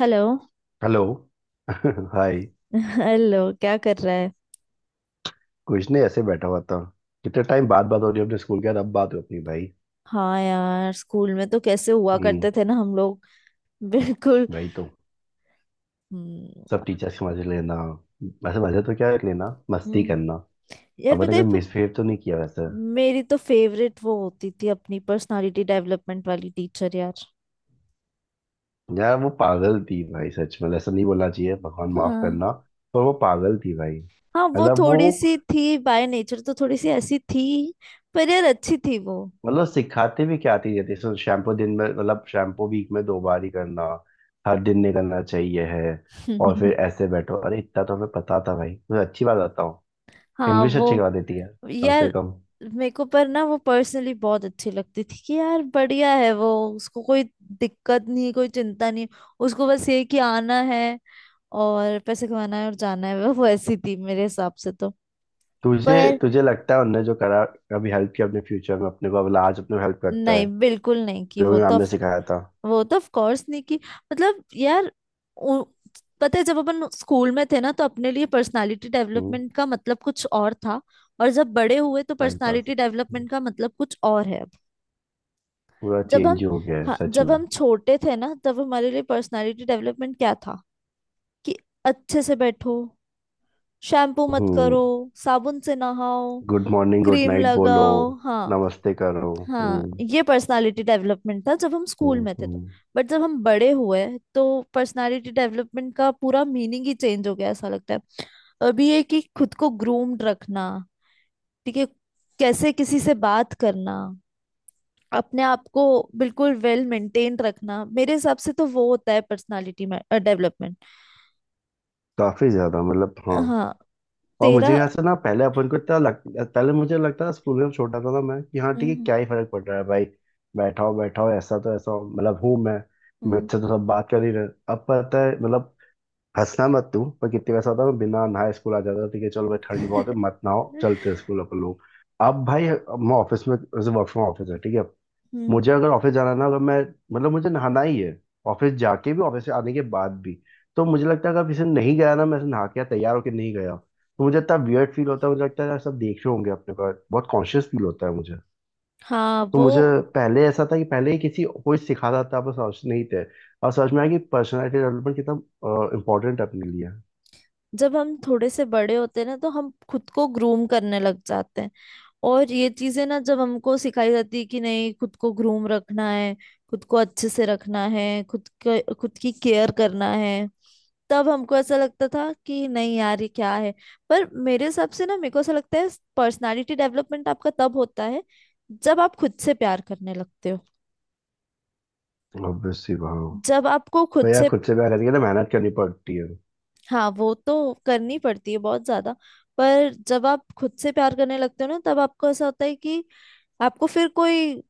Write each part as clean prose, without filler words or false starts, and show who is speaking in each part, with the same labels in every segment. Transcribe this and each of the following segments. Speaker 1: Hello.
Speaker 2: Hello. हाय।
Speaker 1: Hello, क्या कर रहा है?
Speaker 2: कुछ नहीं, ऐसे बैठा हुआ था। कितने टाइम बाद बात हो रही है अपने स्कूल के यार। अब बात हो अपनी भाई।
Speaker 1: हाँ यार, स्कूल में तो कैसे हुआ
Speaker 2: हम्म।
Speaker 1: करते थे ना हम लोग। बिल्कुल।
Speaker 2: वही तो।
Speaker 1: हम्म।
Speaker 2: सब टीचर्स के मजे लेना। वैसे मजे तो क्या है लेना, मस्ती
Speaker 1: हम्म।
Speaker 2: करना।
Speaker 1: यार
Speaker 2: अपन ने
Speaker 1: बताइए
Speaker 2: कभी
Speaker 1: फिर।
Speaker 2: मिसबिहेव तो नहीं किया वैसे।
Speaker 1: मेरी तो फेवरेट वो होती थी, अपनी पर्सनालिटी डेवलपमेंट वाली टीचर यार।
Speaker 2: यार वो पागल थी भाई, सच में ऐसा नहीं बोलना चाहिए, भगवान माफ करना।
Speaker 1: हाँ।
Speaker 2: पर वो पागल थी भाई।
Speaker 1: हाँ, वो
Speaker 2: मतलब वो,
Speaker 1: थोड़ी सी थी बाय नेचर, तो थोड़ी सी ऐसी थी। पर यार, अच्छी थी वो।
Speaker 2: मतलब सिखाते भी क्या थी, जैसे शैम्पू दिन में, मतलब शैम्पू वीक में दो बार ही करना। हर दिन नहीं करना चाहिए है। और फिर ऐसे बैठो, अरे इतना तो हमें पता था भाई, तुझे अच्छी बात बताओ।
Speaker 1: हाँ
Speaker 2: इंग्लिश
Speaker 1: वो।
Speaker 2: अच्छी करवा देती है। कम से
Speaker 1: यार,
Speaker 2: कम।
Speaker 1: मेरे को पर ना वो पर्सनली बहुत अच्छी लगती थी, कि यार बढ़िया है वो। उसको कोई दिक्कत नहीं, कोई चिंता नहीं। उसको बस ये कि आना है और पैसे कमाना है और जाना है, वो वैसी थी मेरे हिसाब से तो।
Speaker 2: तुझे
Speaker 1: पर
Speaker 2: तुझे लगता है उनने जो करा कभी हेल्प किया अपने फ्यूचर में, अपने को अब आज अपने हेल्प करता
Speaker 1: नहीं,
Speaker 2: है
Speaker 1: बिल्कुल नहीं कि
Speaker 2: जो
Speaker 1: वो
Speaker 2: भी
Speaker 1: तो
Speaker 2: मैम ने सिखाया था।
Speaker 1: वो तो ऑफ कोर्स नहीं कि मतलब यार, उ, पता है जब अपन स्कूल में थे ना तो अपने लिए पर्सनालिटी
Speaker 2: हम्म।
Speaker 1: डेवलपमेंट का मतलब कुछ और था। और जब बड़े हुए तो
Speaker 2: टाइम पास।
Speaker 1: पर्सनालिटी डेवलपमेंट का मतलब कुछ और है।
Speaker 2: पूरा
Speaker 1: जब
Speaker 2: चेंज
Speaker 1: हम
Speaker 2: ही हो गया है
Speaker 1: हाँ,
Speaker 2: सच
Speaker 1: जब
Speaker 2: में।
Speaker 1: हम छोटे थे ना तब हमारे लिए पर्सनालिटी डेवलपमेंट क्या था कि अच्छे से बैठो, शैम्पू मत
Speaker 2: हम्म।
Speaker 1: करो, साबुन से नहाओ,
Speaker 2: good morning good
Speaker 1: cream
Speaker 2: night बोलो।
Speaker 1: लगाओ। हाँ,
Speaker 2: नमस्ते करो।
Speaker 1: हाँ,
Speaker 2: हम्म।
Speaker 1: ये पर्सनालिटी डेवलपमेंट था जब हम स्कूल
Speaker 2: हम्म।
Speaker 1: में थे तो।
Speaker 2: हम्म।
Speaker 1: बट जब हम बड़े हुए तो पर्सनालिटी डेवलपमेंट का पूरा मीनिंग ही चेंज हो गया ऐसा लगता है। अभी ये कि खुद को ग्रूम्ड रखना, ठीक है, कैसे किसी से बात करना, अपने आप को बिल्कुल वेल मेंटेन रखना, मेरे हिसाब से तो वो होता है पर्सनालिटी में डेवलपमेंट।
Speaker 2: काफी ज्यादा, मतलब हाँ।
Speaker 1: हाँ।
Speaker 2: और मुझे
Speaker 1: तेरा।
Speaker 2: ऐसा ना, पहले अपन को इतना लग, पहले मुझे लगता था स्कूल में जब छोटा था ना मैं, कि हाँ ठीक है,
Speaker 1: हम्म
Speaker 2: क्या ही फर्क पड़ रहा है भाई। बैठाओ बैठाओ ऐसा तो ऐसा हो, मतलब हूँ मैं।
Speaker 1: हम्म
Speaker 2: मुझसे तो सब बात कर ही रहे। अब पता है मतलब, हंसना मत तू पर, कितनी वैसा होता है, मैं बिना नहाए स्कूल आ जाता था, ठीक है चलो भाई ठंड बहुत है मत
Speaker 1: हम्म,
Speaker 2: नहाओ चलते हैं स्कूल अपन लोग। अब भाई मैं ऑफिस में, वर्क फ्रॉम ऑफिस है ठीक है।
Speaker 1: हम्म।
Speaker 2: मुझे अगर ऑफिस जाना ना, अगर मैं, मतलब मुझे नहाना ही है, ऑफिस जाके भी ऑफिस से आने के बाद भी। तो मुझे लगता है अगर किसी दिन नहीं गया ना मैं, ऐसे नहा के या तैयार होके नहीं गया, तो मुझे इतना वियर्ड फील होता है। मुझे लगता है यार सब देख रहे होंगे, अपने को बहुत कॉन्शियस फील होता है मुझे।
Speaker 1: हाँ
Speaker 2: तो
Speaker 1: वो।
Speaker 2: मुझे, पहले ऐसा था कि पहले ही किसी कोई सिखाता था पर समझ नहीं थे। और समझ में आया कि पर्सनैलिटी डेवलपमेंट कितना इम्पोर्टेंट है अपने लिए।
Speaker 1: जब हम थोड़े से बड़े होते हैं ना तो हम खुद को ग्रूम करने लग जाते हैं, और ये चीजें ना जब हमको सिखाई जाती है कि नहीं, खुद को ग्रूम रखना है, खुद को अच्छे से रखना है, खुद को खुद की केयर करना है, तब हमको ऐसा लगता था कि नहीं यार ये क्या है। पर मेरे हिसाब से ना, मेरे को ऐसा लगता है, पर्सनालिटी डेवलपमेंट आपका तब होता है जब आप खुद से प्यार करने लगते हो।
Speaker 2: ऑब्वियसली, वाह।
Speaker 1: जब आपको खुद
Speaker 2: भैया
Speaker 1: से,
Speaker 2: खुद से प्यार करने के लिए मेहनत करनी पड़ती है।
Speaker 1: हाँ वो तो करनी पड़ती है बहुत ज्यादा। पर जब आप खुद से प्यार करने लगते हो ना, तब आपको ऐसा होता है कि आपको फिर कोई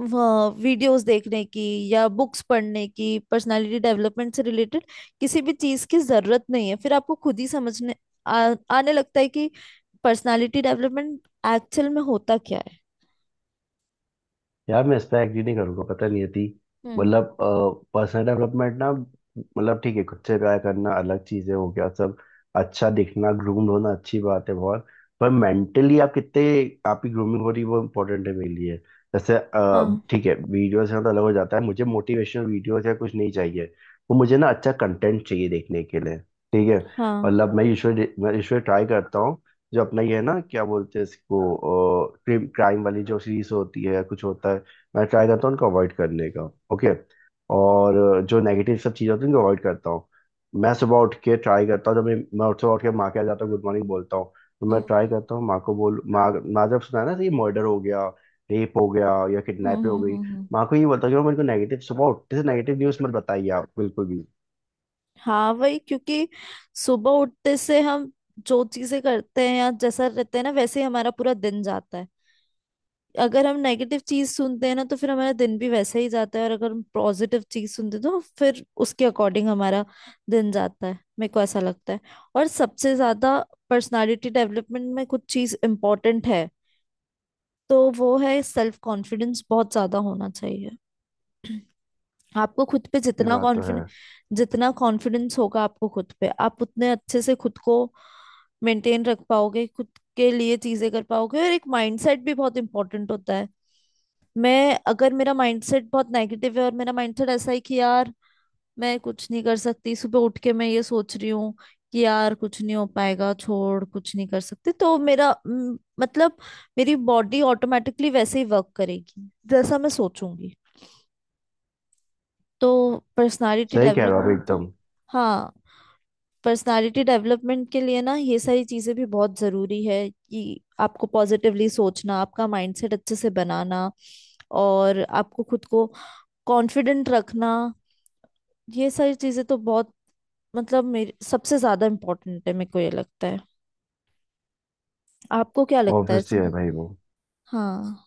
Speaker 1: वीडियोस देखने की या बुक्स पढ़ने की, पर्सनालिटी डेवलपमेंट से रिलेटेड किसी भी चीज की जरूरत नहीं है, फिर आपको खुद ही समझने आने लगता है कि पर्सनालिटी डेवलपमेंट एक्चुअल में होता क्या है।
Speaker 2: यार मैं इस पे एग्री नहीं करूंगा, पता नहीं यदि,
Speaker 1: हम्म।
Speaker 2: मतलब, पर्सनल डेवलपमेंट ना, मतलब ठीक है, खुद से प्यार करना अलग चीजें हो गया सब। अच्छा दिखना, ग्रूम्ड होना, अच्छी बात है बहुत। पर मेंटली आप कितने, आपकी ग्रूमिंग हो रही है वो इम्पोर्टेंट है मेरे लिए। जैसे
Speaker 1: हाँ।
Speaker 2: ठीक है, वीडियोस में तो अलग हो जाता है, मुझे मोटिवेशनल वीडियोस या कुछ नहीं चाहिए। वो मुझे ना अच्छा कंटेंट चाहिए देखने के लिए। ठीक है।
Speaker 1: हाँ।
Speaker 2: मतलब मैं यूजुअली ट्राई करता हूँ जो अपना ये है ना क्या बोलते हैं इसको, क्राइम वाली जो सीरीज होती है या कुछ होता है, मैं ट्राई करता हूँ उनको अवॉइड करने का। ओके। और जो नेगेटिव सब चीज़ें होती हैं उनको अवॉइड करता हूँ। मैं सुबह उठ के ट्राई करता हूँ, जब मैं उठ सुबह उठ के माँ के यहाँ जाता हूँ गुड मॉर्निंग बोलता हूँ, तो मैं ट्राई
Speaker 1: हम्म
Speaker 2: करता हूँ माँ को बोल, माँ माँ जब सुना है ना तो ये मर्डर हो गया, रेप हो गया, या
Speaker 1: हम्म
Speaker 2: किडनैप हो
Speaker 1: हम्म
Speaker 2: गई।
Speaker 1: हम्म, हम्म।
Speaker 2: माँ को ये बोलता हूँ कि मेरे को नेगेटिव, सुबह उठते से नेगेटिव न्यूज़ मत बताइए आप बिल्कुल भी।
Speaker 1: हाँ वही, क्योंकि सुबह उठते से हम जो चीजें करते हैं या जैसा रहते हैं ना, वैसे ही हमारा पूरा दिन जाता है। अगर हम नेगेटिव चीज सुनते हैं ना तो फिर हमारा दिन भी वैसे ही जाता है, और अगर हम पॉजिटिव चीज सुनते हैं तो फिर उसके अकॉर्डिंग हमारा दिन जाता है। मेरे को ऐसा लगता है। और सबसे ज्यादा पर्सनालिटी डेवलपमेंट में कुछ चीज इम्पोर्टेंट है, तो वो है सेल्फ कॉन्फिडेंस। बहुत ज्यादा होना चाहिए आपको खुद पे
Speaker 2: ये
Speaker 1: जितना
Speaker 2: बात तो है।
Speaker 1: कॉन्फिडेंस। जितना कॉन्फिडेंस होगा आपको खुद पे, आप उतने अच्छे से खुद को मेंटेन रख पाओगे, खुद के लिए चीजें कर पाओगे। और एक माइंडसेट भी बहुत इंपॉर्टेंट होता है। मैं, अगर मेरा माइंडसेट बहुत नेगेटिव है और मेरा माइंडसेट ऐसा है कि यार मैं कुछ नहीं कर सकती, सुबह उठ के मैं ये सोच रही हूँ कि यार कुछ नहीं हो पाएगा, छोड़ कुछ नहीं कर सकती, तो मतलब मेरी बॉडी ऑटोमेटिकली वैसे ही वर्क करेगी जैसा मैं सोचूंगी। तो पर्सनालिटी
Speaker 2: सही कह रहे हो आप
Speaker 1: डेवलपमेंट तो,
Speaker 2: एकदम।
Speaker 1: हाँ, पर्सनालिटी डेवलपमेंट के लिए ना ये सारी चीजें भी बहुत जरूरी है, कि आपको पॉजिटिवली सोचना, आपका माइंडसेट अच्छे से बनाना, और आपको खुद को कॉन्फिडेंट रखना। ये सारी चीजें तो बहुत मतलब मेरे सबसे ज्यादा इम्पोर्टेंट है, मेरे को ये लगता है। आपको क्या लगता है
Speaker 2: ऑब्वियसली है
Speaker 1: इसमें?
Speaker 2: भाई वो।
Speaker 1: हाँ।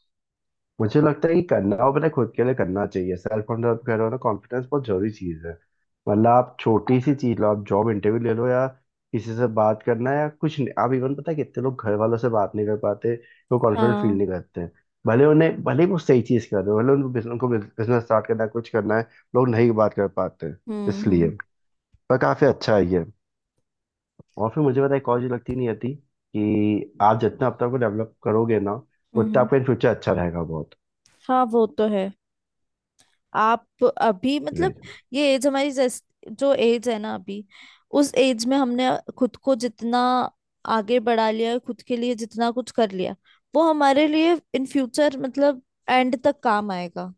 Speaker 2: मुझे लगता है कि करना हो, पता है, खुद के लिए करना चाहिए। सेल्फ कॉन्फिडेंस कह रहे हो ना, कॉन्फिडेंस बहुत जरूरी चीज है। मतलब आप छोटी सी चीज लो, आप जॉब इंटरव्यू ले लो या किसी से बात करना है या कुछ नहीं, आप इवन, पता है कितने लोग घर वालों से बात नहीं कर पाते। वो कॉन्फिडेंट फील
Speaker 1: हाँ।
Speaker 2: नहीं करते हैं। भले उन्हें, भले ही वो सही चीज कर रहे हो, भले उनको बिजनेस, उनको बिजनेस स्टार्ट करना है, कुछ करना है, लोग नहीं बात कर पाते हैं।
Speaker 1: हम्म
Speaker 2: इसलिए,
Speaker 1: हम्म
Speaker 2: पर काफी अच्छा है ये। और फिर मुझे पता है एक और चीज लगती नहीं आती, कि आप जितना अपने आप को डेवलप करोगे ना,
Speaker 1: हम्म
Speaker 2: उतना
Speaker 1: हम्म।
Speaker 2: आपका इन फ्यूचर अच्छा रहेगा बहुत।
Speaker 1: हाँ वो तो है। आप अभी मतलब,
Speaker 2: जी।
Speaker 1: ये एज हमारी जो एज है ना अभी, उस एज में हमने खुद को जितना आगे बढ़ा लिया, खुद के लिए जितना कुछ कर लिया, वो हमारे लिए इन फ्यूचर मतलब एंड तक काम आएगा।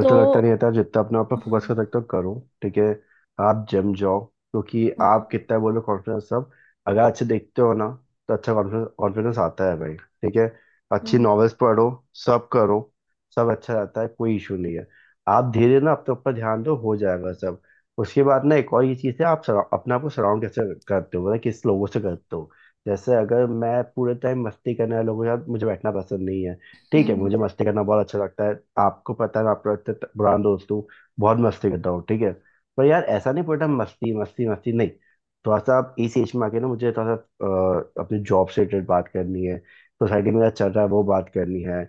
Speaker 1: तो
Speaker 2: लगता नहीं आता, जितना अपने आप पे फोकस कर
Speaker 1: हम्म
Speaker 2: सकते हो करो। ठीक है। आप जिम जाओ, क्योंकि आप
Speaker 1: हम्म
Speaker 2: कितना बोलो कॉन्फिडेंस सब, अगर अच्छे देखते हो ना, तो अच्छा कॉन्फिडेंस कॉन्फिडेंस आता है भाई ठीक है। अच्छी
Speaker 1: हम्म
Speaker 2: नॉवेल्स पढ़ो। सब करो। सब अच्छा रहता है, कोई इशू नहीं है। आप धीरे ना अपने ऊपर ध्यान दो, हो जाएगा सब। उसके बाद ना एक और ये चीज़ है, आप अपने आप को सराउंड कैसे करते हो, मतलब किस लोगों से करते हो। जैसे अगर मैं पूरे टाइम मस्ती करने वाले लोगों के साथ, मुझे बैठना पसंद नहीं है। ठीक है,
Speaker 1: हम्म।
Speaker 2: मुझे मस्ती करना बहुत अच्छा लगता है, आपको पता है मैं आपका इतना पुराना दोस्त हूँ, बहुत मस्ती करता हूँ ठीक है। पर यार ऐसा नहीं, पूरा मस्ती मस्ती मस्ती नहीं। थोड़ा सा आप इस एज में आके ना, मुझे थोड़ा सा अपने जॉब से रिलेटेड बात करनी है, सोसाइटी में क्या चल रहा है वो बात करनी है।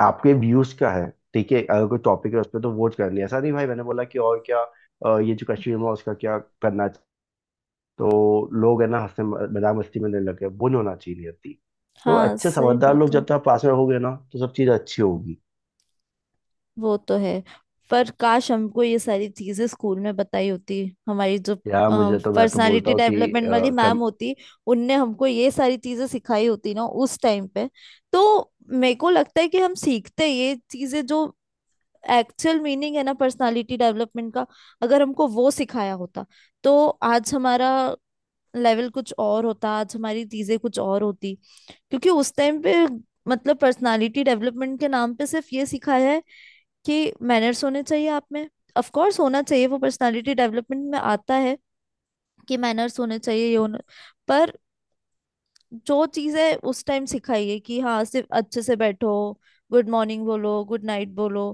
Speaker 2: आपके व्यूज क्या है। ठीक है, अगर कोई टॉपिक है उस पर तो वोट करनी है, ऐसा नहीं भाई, मैंने बोला कि और क्या ये जो कश्मीर में, उसका क्या करना चाहिए। तो लोग है ना, हंसने मजाक मस्ती में लेने लगे, वो नहीं होना चाहिए नियति। तो
Speaker 1: हाँ
Speaker 2: अच्छे
Speaker 1: सही
Speaker 2: समझदार लोग
Speaker 1: बात है,
Speaker 2: जब तक पास में होंगे ना, तो सब चीज अच्छी होगी।
Speaker 1: वो तो है। पर काश हमको ये सारी चीजें स्कूल में बताई होती, हमारी जो
Speaker 2: यार मुझे तो, मैं तो बोलता
Speaker 1: पर्सनालिटी
Speaker 2: हूँ कि
Speaker 1: डेवलपमेंट वाली मैम
Speaker 2: कम।
Speaker 1: होती, उनने हमको ये सारी चीजें सिखाई होती ना उस टाइम पे, तो मेरे को लगता है कि हम सीखते ये चीजें, जो एक्चुअल मीनिंग है ना पर्सनालिटी डेवलपमेंट का, अगर हमको वो सिखाया होता, तो आज हमारा लेवल कुछ और होता, आज हमारी चीजें कुछ और होती। क्योंकि उस टाइम पे मतलब पर्सनालिटी डेवलपमेंट के नाम पे सिर्फ ये सिखाया है कि मैनर्स होने चाहिए आप में। ऑफ कोर्स होना चाहिए, वो पर्सनालिटी डेवलपमेंट में आता है कि मैनर्स होने चाहिए, ये होना। पर जो चीजें उस टाइम सिखाई है कि हाँ, सिर्फ अच्छे से बैठो, गुड मॉर्निंग बोलो, गुड नाइट बोलो,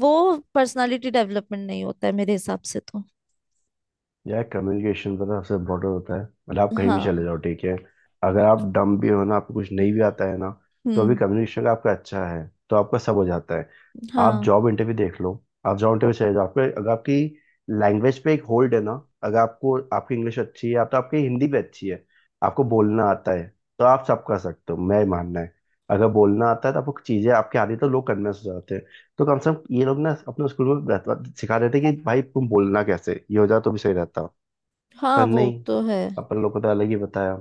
Speaker 1: वो पर्सनालिटी डेवलपमेंट नहीं होता है मेरे हिसाब से तो।
Speaker 2: यार कम्युनिकेशन पता है सबसे इम्पोर्टेंट होता है। मतलब आप कहीं भी चले जाओ
Speaker 1: हाँ।
Speaker 2: ठीक है। अगर आप डम भी हो ना, आपको कुछ नहीं भी आता है ना, तो अभी
Speaker 1: हम्म।
Speaker 2: कम्युनिकेशन आपका अच्छा है तो आपका सब हो जाता है। आप
Speaker 1: हाँ।
Speaker 2: जॉब इंटरव्यू देख लो। आप जॉब इंटरव्यू चले जाओ, आपके अगर आपकी लैंग्वेज पे एक होल्ड है ना, अगर आपको, आपकी इंग्लिश अच्छी है या तो आपकी हिंदी भी अच्छी है, आपको बोलना आता है, तो आप सब कर सकते हो, मैं मानना है। अगर बोलना आता है तो आपको चीज़ें आपके आती है, तो लोग कन्विंस हो जाते हैं। तो कम से कम ये लोग ना, अपने स्कूल में रहता, सिखा देते कि भाई तुम बोलना कैसे, ये हो जाए तो भी सही रहता।
Speaker 1: हाँ
Speaker 2: पर
Speaker 1: वो
Speaker 2: नहीं,
Speaker 1: तो है।
Speaker 2: अपन लोग को तो अलग ही बताया।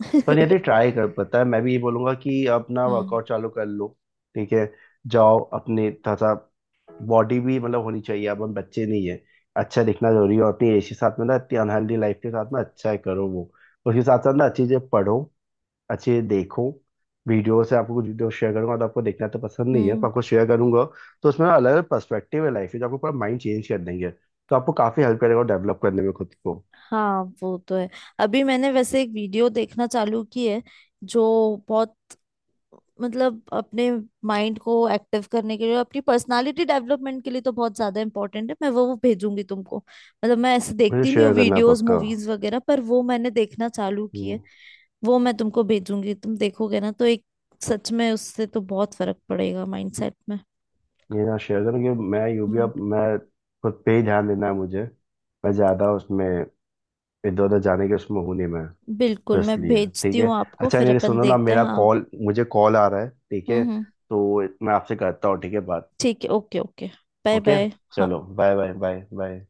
Speaker 2: पर यदि ट्राई कर, पता है मैं भी ये बोलूंगा कि अपना
Speaker 1: हम्म
Speaker 2: वर्कआउट चालू कर लो। ठीक है। जाओ अपने थोड़ा सा, बॉडी भी मतलब होनी चाहिए, अब हम बच्चे नहीं है। अच्छा दिखना जरूरी है, और अपनी एज के साथ में ना, इतनी अनहेल्दी लाइफ के साथ में, अच्छा है करो वो। उसके साथ साथ ना अच्छी चीजें पढ़ो, अच्छे देखो। वीडियो से आपको, कुछ वीडियो शेयर करूंगा, तो आपको देखना तो पसंद नहीं है पर
Speaker 1: हम्म।
Speaker 2: आपको शेयर करूंगा। तो उसमें अलग अलग पर्सपेक्टिव है लाइफ के, जो आपको पूरा माइंड चेंज कर देंगे, तो आपको काफी हेल्प करेगा डेवलप करने में खुद को।
Speaker 1: हाँ वो तो है। अभी मैंने वैसे एक वीडियो देखना चालू की है, जो बहुत मतलब अपने माइंड को एक्टिव करने के लिए, अपनी पर्सनालिटी डेवलपमेंट के लिए तो बहुत ज्यादा इंपॉर्टेंट है। मैं वो भेजूंगी तुमको, मतलब मैं ऐसे
Speaker 2: मुझे
Speaker 1: देखती नहीं हूँ
Speaker 2: शेयर करना
Speaker 1: वीडियोस
Speaker 2: पक्का।
Speaker 1: मूवीज वगैरह, पर वो मैंने देखना चालू किया है।
Speaker 2: हम्म।
Speaker 1: वो मैं तुमको भेजूंगी, तुम देखोगे ना तो एक, सच में उससे तो बहुत फर्क पड़ेगा माइंडसेट में।
Speaker 2: ये ना शेयर करना कि मैं यू भी,
Speaker 1: हम्म।
Speaker 2: अब मैं खुद पे ही ध्यान देना है मुझे। मैं ज्यादा उसमें इधर उधर जाने के उसमें हूँ नहीं मैं। तो
Speaker 1: बिल्कुल, मैं
Speaker 2: इसलिए ठीक
Speaker 1: भेजती
Speaker 2: है।
Speaker 1: हूँ आपको,
Speaker 2: अच्छा
Speaker 1: फिर
Speaker 2: नहीं,
Speaker 1: अपन
Speaker 2: सुनो ना,
Speaker 1: देखते हैं।
Speaker 2: मेरा
Speaker 1: हाँ।
Speaker 2: कॉल, मुझे कॉल आ रहा है ठीक है,
Speaker 1: हम्म।
Speaker 2: तो मैं आपसे करता हूँ ठीक है बात।
Speaker 1: ठीक है, okay okay. Bye
Speaker 2: okay.
Speaker 1: Bye. हाँ।
Speaker 2: चलो बाय बाय बाय बाय।